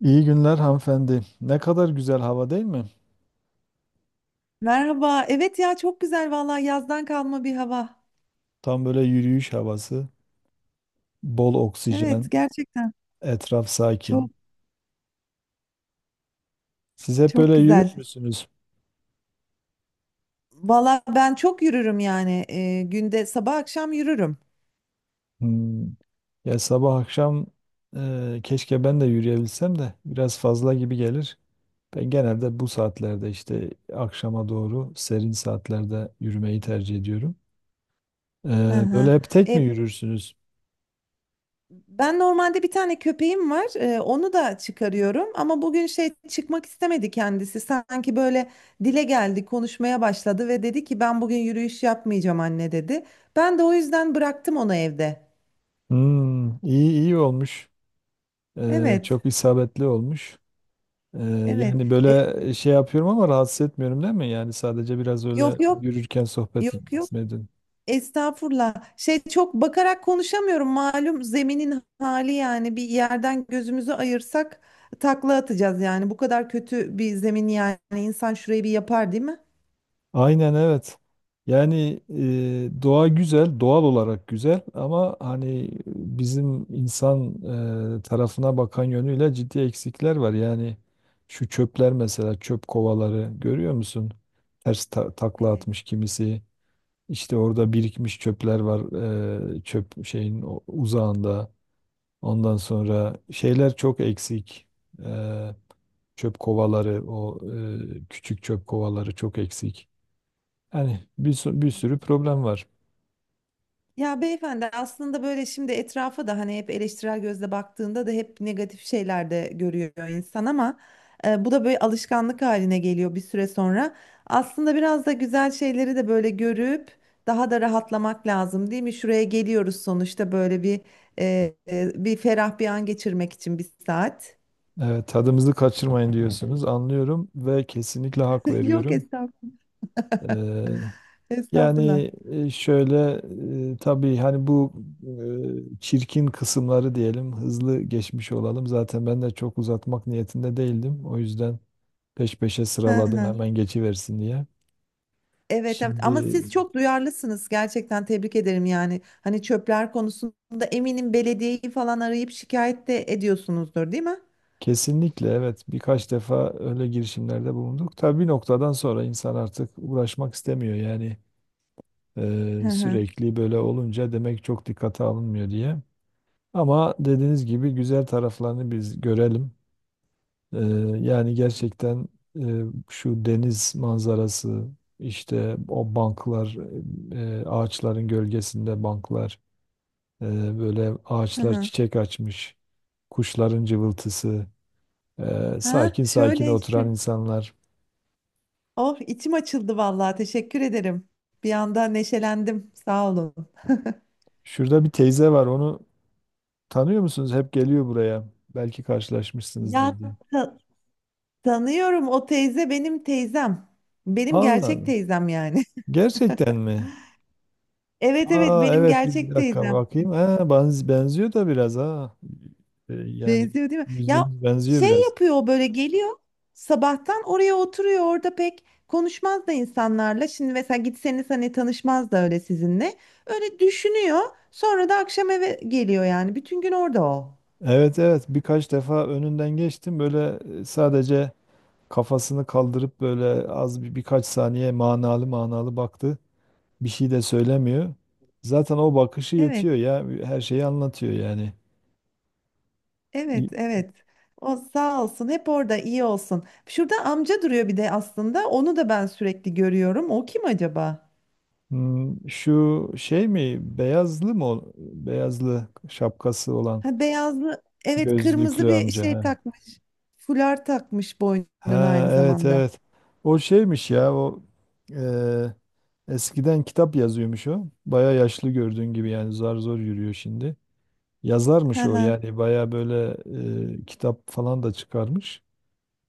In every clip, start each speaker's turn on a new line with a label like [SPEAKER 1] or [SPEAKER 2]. [SPEAKER 1] İyi günler hanımefendi. Ne kadar güzel hava değil mi?
[SPEAKER 2] Merhaba. Evet ya, çok güzel vallahi, yazdan kalma bir hava.
[SPEAKER 1] Tam böyle yürüyüş havası, bol
[SPEAKER 2] Evet,
[SPEAKER 1] oksijen,
[SPEAKER 2] gerçekten
[SPEAKER 1] etraf sakin.
[SPEAKER 2] çok
[SPEAKER 1] Siz hep böyle
[SPEAKER 2] çok
[SPEAKER 1] yürür
[SPEAKER 2] güzel.
[SPEAKER 1] müsünüz?
[SPEAKER 2] Vallahi ben çok yürürüm yani, günde sabah akşam yürürüm.
[SPEAKER 1] Hmm. Ya sabah akşam keşke ben de yürüyebilsem de biraz fazla gibi gelir. Ben genelde bu saatlerde işte akşama doğru serin saatlerde yürümeyi tercih ediyorum. E,
[SPEAKER 2] Hı hı.
[SPEAKER 1] Böyle hep tek mi
[SPEAKER 2] E,
[SPEAKER 1] yürürsünüz?
[SPEAKER 2] ben normalde bir tane köpeğim var. Onu da çıkarıyorum ama bugün şey, çıkmak istemedi kendisi. Sanki böyle dile geldi, konuşmaya başladı ve dedi ki, ben bugün yürüyüş yapmayacağım anne dedi. Ben de o yüzden bıraktım onu evde.
[SPEAKER 1] Hmm, iyi olmuş.
[SPEAKER 2] Evet,
[SPEAKER 1] Çok isabetli olmuş. Ee,
[SPEAKER 2] evet.
[SPEAKER 1] Yani
[SPEAKER 2] E,
[SPEAKER 1] böyle şey yapıyorum ama rahatsız etmiyorum değil mi? Yani sadece biraz
[SPEAKER 2] yok
[SPEAKER 1] öyle
[SPEAKER 2] yok.
[SPEAKER 1] yürürken sohbet
[SPEAKER 2] Yok yok.
[SPEAKER 1] etmedin.
[SPEAKER 2] Estağfurullah. Şey, çok bakarak konuşamıyorum. Malum zeminin hali, yani bir yerden gözümüzü ayırsak takla atacağız yani. Bu kadar kötü bir zemin, yani insan şurayı bir yapar değil mi?
[SPEAKER 1] Aynen evet. Yani doğa güzel, doğal olarak güzel ama hani bizim insan tarafına bakan yönüyle ciddi eksikler var. Yani şu çöpler mesela çöp kovaları görüyor musun? Ters takla
[SPEAKER 2] Evet,
[SPEAKER 1] atmış kimisi. İşte orada birikmiş çöpler var çöp şeyin uzağında. Ondan sonra şeyler çok eksik. Eee, Çöp kovaları, o küçük çöp kovaları çok eksik. Yani bir
[SPEAKER 2] evet.
[SPEAKER 1] sürü problem var.
[SPEAKER 2] Ya beyefendi, aslında böyle şimdi etrafa da hani hep eleştirel gözle baktığında da hep negatif şeyler de görüyor insan ama bu da böyle alışkanlık haline geliyor bir süre sonra. Aslında biraz da güzel şeyleri de böyle görüp daha da rahatlamak lazım değil mi? Şuraya geliyoruz sonuçta, böyle bir bir ferah bir an geçirmek için bir saat.
[SPEAKER 1] Evet, tadımızı kaçırmayın diyorsunuz. Anlıyorum ve kesinlikle hak
[SPEAKER 2] Yok
[SPEAKER 1] veriyorum.
[SPEAKER 2] estağfurullah.
[SPEAKER 1] Eee,
[SPEAKER 2] Estağfurullah.
[SPEAKER 1] Şöyle tabii hani bu çirkin kısımları diyelim hızlı geçmiş olalım. Zaten ben de çok uzatmak niyetinde değildim. O yüzden peş peşe
[SPEAKER 2] Hı
[SPEAKER 1] sıraladım
[SPEAKER 2] hı.
[SPEAKER 1] hemen geçiversin diye.
[SPEAKER 2] Evet, evet ama
[SPEAKER 1] Şimdi
[SPEAKER 2] siz çok duyarlısınız gerçekten, tebrik ederim yani. Hani çöpler konusunda eminim belediyeyi falan arayıp şikayet de ediyorsunuzdur değil mi?
[SPEAKER 1] kesinlikle evet. Birkaç defa öyle girişimlerde bulunduk. Tabii bir noktadan sonra insan artık uğraşmak istemiyor. Yani
[SPEAKER 2] Hı hı
[SPEAKER 1] sürekli böyle olunca demek çok dikkate alınmıyor diye. Ama dediğiniz gibi güzel taraflarını biz görelim. E, Yani gerçekten e, şu deniz manzarası, işte o banklar, ağaçların gölgesinde banklar, böyle
[SPEAKER 2] hı.
[SPEAKER 1] ağaçlar
[SPEAKER 2] Hı.
[SPEAKER 1] çiçek açmış, kuşların cıvıltısı.
[SPEAKER 2] Ha,
[SPEAKER 1] Sakin sakin
[SPEAKER 2] şöyle
[SPEAKER 1] oturan
[SPEAKER 2] işte.
[SPEAKER 1] insanlar.
[SPEAKER 2] Oh, içim açıldı vallahi, teşekkür ederim. Bir anda neşelendim, sağ olun.
[SPEAKER 1] Şurada bir teyze var. Onu tanıyor musunuz? Hep geliyor buraya. Belki
[SPEAKER 2] Ya,
[SPEAKER 1] karşılaşmışsınızdır diye.
[SPEAKER 2] ta- tanıyorum, o teyze benim teyzem. Benim
[SPEAKER 1] Allah
[SPEAKER 2] gerçek
[SPEAKER 1] Allah.
[SPEAKER 2] teyzem yani.
[SPEAKER 1] Gerçekten mi?
[SPEAKER 2] Evet evet,
[SPEAKER 1] Aa
[SPEAKER 2] benim
[SPEAKER 1] evet bir
[SPEAKER 2] gerçek
[SPEAKER 1] dakika
[SPEAKER 2] teyzem.
[SPEAKER 1] bakayım. Ha, benziyor da biraz ha. Yani
[SPEAKER 2] Benziyor değil mi? Ya
[SPEAKER 1] yüzünüz benziyor
[SPEAKER 2] şey
[SPEAKER 1] biraz.
[SPEAKER 2] yapıyor o, böyle geliyor, sabahtan oraya oturuyor, orada pek konuşmaz da insanlarla. Şimdi mesela gitseniz hani tanışmaz da öyle sizinle. Öyle düşünüyor, sonra da akşam eve geliyor, yani bütün gün orada o.
[SPEAKER 1] Evet evet birkaç defa önünden geçtim. Böyle sadece kafasını kaldırıp böyle az bir birkaç saniye manalı manalı baktı. Bir şey de söylemiyor. Zaten o bakışı
[SPEAKER 2] Evet
[SPEAKER 1] yetiyor ya. Her şeyi anlatıyor yani.
[SPEAKER 2] evet evet. O sağ olsun, hep orada iyi olsun. Şurada amca duruyor bir de, aslında onu da ben sürekli görüyorum. O kim acaba?
[SPEAKER 1] Hmm, şu şey mi? Beyazlı mı? Beyazlı şapkası olan
[SPEAKER 2] Ha, beyazlı evet, kırmızı
[SPEAKER 1] gözlüklü
[SPEAKER 2] bir
[SPEAKER 1] amca.
[SPEAKER 2] şey
[SPEAKER 1] Ha,
[SPEAKER 2] takmış. Fular takmış boynuna
[SPEAKER 1] ha
[SPEAKER 2] aynı
[SPEAKER 1] evet
[SPEAKER 2] zamanda.
[SPEAKER 1] evet. O şeymiş ya o eee, eskiden kitap yazıyormuş o. Baya yaşlı gördüğün gibi yani zar zor yürüyor şimdi. Yazarmış o yani baya böyle kitap falan da çıkarmış.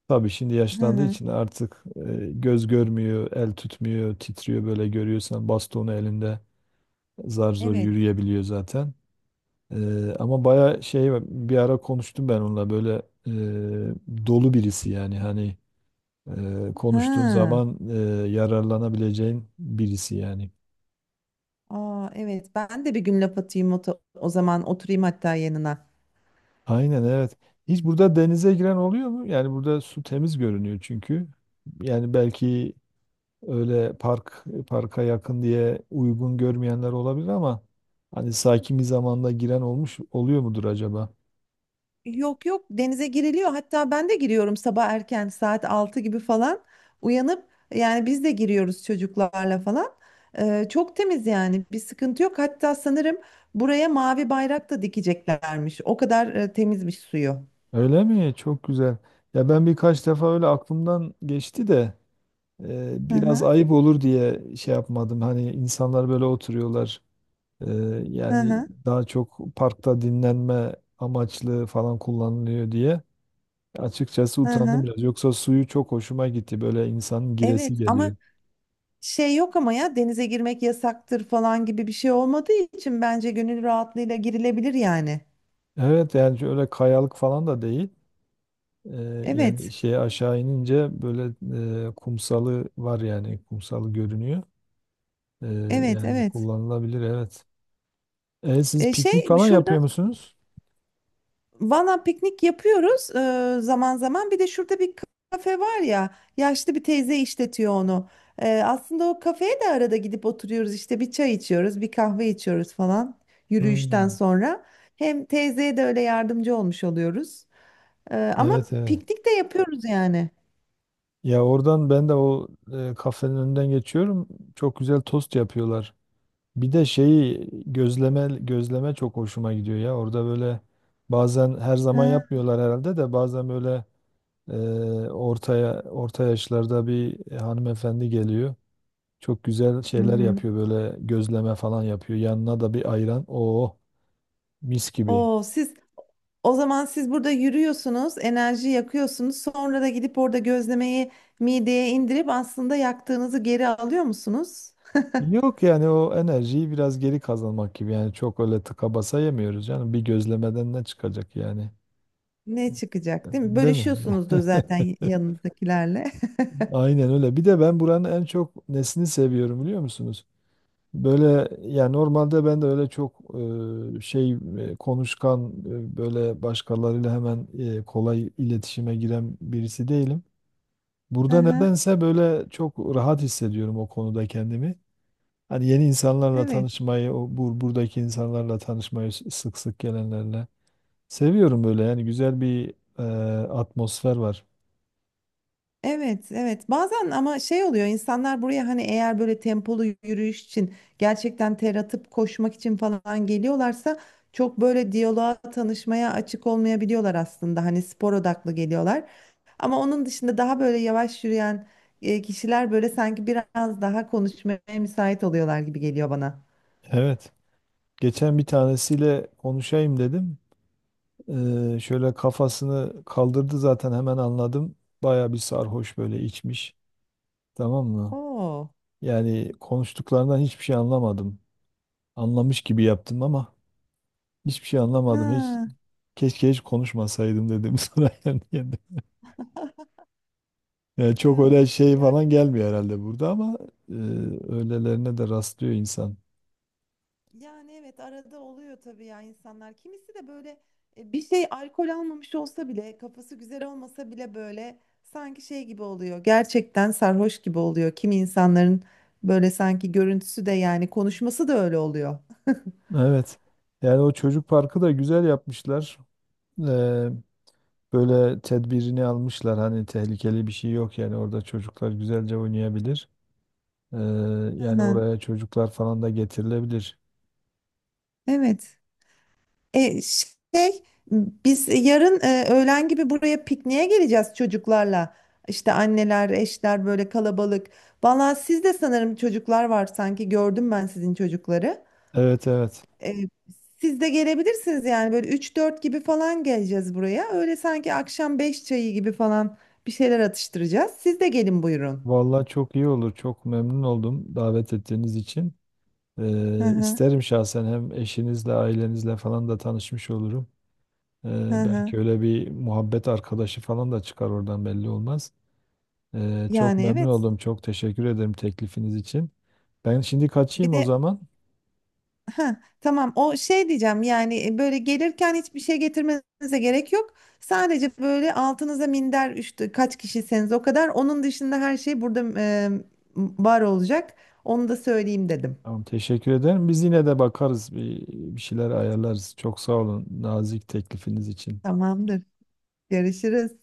[SPEAKER 1] Tabii şimdi
[SPEAKER 2] Hı
[SPEAKER 1] yaşlandığı
[SPEAKER 2] hı.
[SPEAKER 1] için artık göz görmüyor, el tutmuyor, titriyor böyle görüyorsan bastonu elinde zar zor
[SPEAKER 2] Evet.
[SPEAKER 1] yürüyebiliyor zaten. Ama baya şey bir ara konuştum ben onunla böyle dolu birisi yani hani konuştuğun
[SPEAKER 2] Ha.
[SPEAKER 1] zaman yararlanabileceğin birisi yani.
[SPEAKER 2] Aa, evet. Ben de bir gün laf atayım, o, o zaman oturayım hatta yanına.
[SPEAKER 1] Aynen evet. Hiç burada denize giren oluyor mu? Yani burada su temiz görünüyor çünkü. Yani belki öyle parka yakın diye uygun görmeyenler olabilir ama hani sakin bir zamanda giren olmuş oluyor mudur acaba?
[SPEAKER 2] Yok yok, denize giriliyor. Hatta ben de giriyorum, sabah erken saat 6 gibi falan uyanıp, yani biz de giriyoruz çocuklarla falan. Çok temiz yani, bir sıkıntı yok. Hatta sanırım buraya mavi bayrak da dikeceklermiş. O kadar temizmiş suyu.
[SPEAKER 1] Öyle mi? Çok güzel. Ya ben birkaç defa öyle aklımdan geçti de
[SPEAKER 2] Hı
[SPEAKER 1] biraz
[SPEAKER 2] hı.
[SPEAKER 1] ayıp olur diye şey yapmadım. Hani insanlar böyle oturuyorlar. Eee,
[SPEAKER 2] Hı
[SPEAKER 1] Yani
[SPEAKER 2] hı.
[SPEAKER 1] daha çok parkta dinlenme amaçlı falan kullanılıyor diye. Açıkçası
[SPEAKER 2] Hı
[SPEAKER 1] utandım
[SPEAKER 2] hı.
[SPEAKER 1] biraz. Yoksa suyu çok hoşuma gitti. Böyle insanın giresi
[SPEAKER 2] Evet ama
[SPEAKER 1] geliyor.
[SPEAKER 2] şey, yok ama ya denize girmek yasaktır falan gibi bir şey olmadığı için bence gönül rahatlığıyla girilebilir yani.
[SPEAKER 1] Evet yani öyle kayalık falan da değil. Yani
[SPEAKER 2] Evet,
[SPEAKER 1] şeye aşağı inince böyle kumsalı var yani kumsalı görünüyor.
[SPEAKER 2] evet,
[SPEAKER 1] Yani
[SPEAKER 2] evet.
[SPEAKER 1] kullanılabilir evet. E, siz
[SPEAKER 2] E
[SPEAKER 1] piknik
[SPEAKER 2] şey
[SPEAKER 1] falan
[SPEAKER 2] şurada
[SPEAKER 1] yapıyor musunuz?
[SPEAKER 2] valla piknik yapıyoruz, zaman zaman. Bir de şurada bir kafe var ya, yaşlı bir teyze işletiyor onu. Aslında o kafeye de arada gidip oturuyoruz işte, bir çay içiyoruz, bir kahve içiyoruz falan, yürüyüşten
[SPEAKER 1] Hmm,
[SPEAKER 2] sonra. Hem teyzeye de öyle yardımcı olmuş oluyoruz. Ama
[SPEAKER 1] evet evet.
[SPEAKER 2] piknik de yapıyoruz yani.
[SPEAKER 1] Ya oradan ben de o kafenin önünden geçiyorum. Çok güzel tost yapıyorlar. Bir de şeyi gözleme çok hoşuma gidiyor ya. Orada böyle bazen her zaman
[SPEAKER 2] Ha,
[SPEAKER 1] yapmıyorlar herhalde de bazen böyle orta yaşlarda bir hanımefendi geliyor. Çok güzel
[SPEAKER 2] hı
[SPEAKER 1] şeyler
[SPEAKER 2] hı.
[SPEAKER 1] yapıyor böyle gözleme falan yapıyor. Yanına da bir ayran. Oo mis gibi.
[SPEAKER 2] Oo, siz, o zaman siz burada yürüyorsunuz, enerji yakıyorsunuz. Sonra da gidip orada gözlemeyi mideye indirip aslında yaktığınızı geri alıyor musunuz?
[SPEAKER 1] Yok yani o enerjiyi biraz geri kazanmak gibi. Yani çok öyle tıka basa yemiyoruz canım. Bir gözlemeden ne çıkacak yani?
[SPEAKER 2] Ne çıkacak değil mi?
[SPEAKER 1] Değil mi?
[SPEAKER 2] Bölüşüyorsunuzdur zaten yanınızdakilerle.
[SPEAKER 1] Aynen öyle. Bir de ben buranın en çok nesini seviyorum biliyor musunuz? Böyle ya normalde ben de öyle çok e, şey konuşkan böyle başkalarıyla hemen kolay iletişime giren birisi değilim. Burada
[SPEAKER 2] Aha,
[SPEAKER 1] nedense böyle çok rahat hissediyorum o konuda kendimi. Hani yeni insanlarla
[SPEAKER 2] evet,
[SPEAKER 1] tanışmayı, o buradaki insanlarla tanışmayı sık sık gelenlerle seviyorum böyle yani güzel bir e, atmosfer var.
[SPEAKER 2] evet, evet. Bazen ama şey oluyor, insanlar buraya hani eğer böyle tempolu yürüyüş için gerçekten ter atıp koşmak için falan geliyorlarsa, çok böyle diyaloğa, tanışmaya açık olmayabiliyorlar aslında. Hani spor odaklı geliyorlar. Ama onun dışında daha böyle yavaş yürüyen kişiler böyle sanki biraz daha konuşmaya müsait oluyorlar gibi geliyor bana.
[SPEAKER 1] Evet. Geçen bir tanesiyle konuşayım dedim. Şöyle kafasını kaldırdı zaten hemen anladım. Baya bir sarhoş böyle içmiş. Tamam mı?
[SPEAKER 2] Oo.
[SPEAKER 1] Yani konuştuklarından hiçbir şey anlamadım. Anlamış gibi yaptım ama hiçbir şey anlamadım. Hiç
[SPEAKER 2] Ha.
[SPEAKER 1] keşke hiç konuşmasaydım dedim sonra yani. Yani
[SPEAKER 2] Hay
[SPEAKER 1] çok öyle
[SPEAKER 2] Allah.
[SPEAKER 1] şey
[SPEAKER 2] Ya,
[SPEAKER 1] falan gelmiyor herhalde burada ama e, öylelerine de rastlıyor insan.
[SPEAKER 2] yani evet, arada oluyor tabii ya, insanlar. Kimisi de böyle bir şey, alkol almamış olsa bile, kafası güzel olmasa bile, böyle sanki şey gibi oluyor. Gerçekten sarhoş gibi oluyor. Kimi insanların böyle sanki görüntüsü de, yani konuşması da öyle oluyor.
[SPEAKER 1] Evet. Yani o çocuk parkı da güzel yapmışlar. Ee, Böyle tedbirini almışlar. Hani tehlikeli bir şey yok yani orada çocuklar güzelce oynayabilir. Ee,
[SPEAKER 2] Hı
[SPEAKER 1] Yani
[SPEAKER 2] hı.
[SPEAKER 1] oraya çocuklar falan da getirilebilir.
[SPEAKER 2] Evet. E, şey Biz yarın öğlen gibi buraya pikniğe geleceğiz çocuklarla. İşte anneler, eşler, böyle kalabalık. Valla sizde sanırım çocuklar var, sanki gördüm ben sizin çocukları.
[SPEAKER 1] Evet evet.
[SPEAKER 2] E, siz de gelebilirsiniz yani, böyle 3-4 gibi falan geleceğiz buraya. Öyle sanki akşam 5 çayı gibi falan bir şeyler atıştıracağız. Siz de gelin buyurun.
[SPEAKER 1] Vallahi çok iyi olur. Çok memnun oldum davet ettiğiniz için.
[SPEAKER 2] Hı hı,
[SPEAKER 1] İsterim şahsen hem eşinizle, ailenizle falan da tanışmış olurum.
[SPEAKER 2] hı hı.
[SPEAKER 1] Belki öyle bir muhabbet arkadaşı falan da çıkar oradan belli olmaz. Çok
[SPEAKER 2] Yani
[SPEAKER 1] memnun
[SPEAKER 2] evet.
[SPEAKER 1] oldum. Çok teşekkür ederim teklifiniz için. Ben şimdi
[SPEAKER 2] Bir
[SPEAKER 1] kaçayım o
[SPEAKER 2] de
[SPEAKER 1] zaman.
[SPEAKER 2] Ha, tamam, o şey diyeceğim yani, böyle gelirken hiçbir şey getirmenize gerek yok. Sadece böyle altınıza minder, işte kaç kişiseniz o kadar. Onun dışında her şey burada var olacak. Onu da söyleyeyim dedim.
[SPEAKER 1] Tamam, teşekkür ederim. Biz yine de bakarız. Bir şeyler ayarlarız. Çok sağ olun nazik teklifiniz için.
[SPEAKER 2] Tamamdır. Görüşürüz.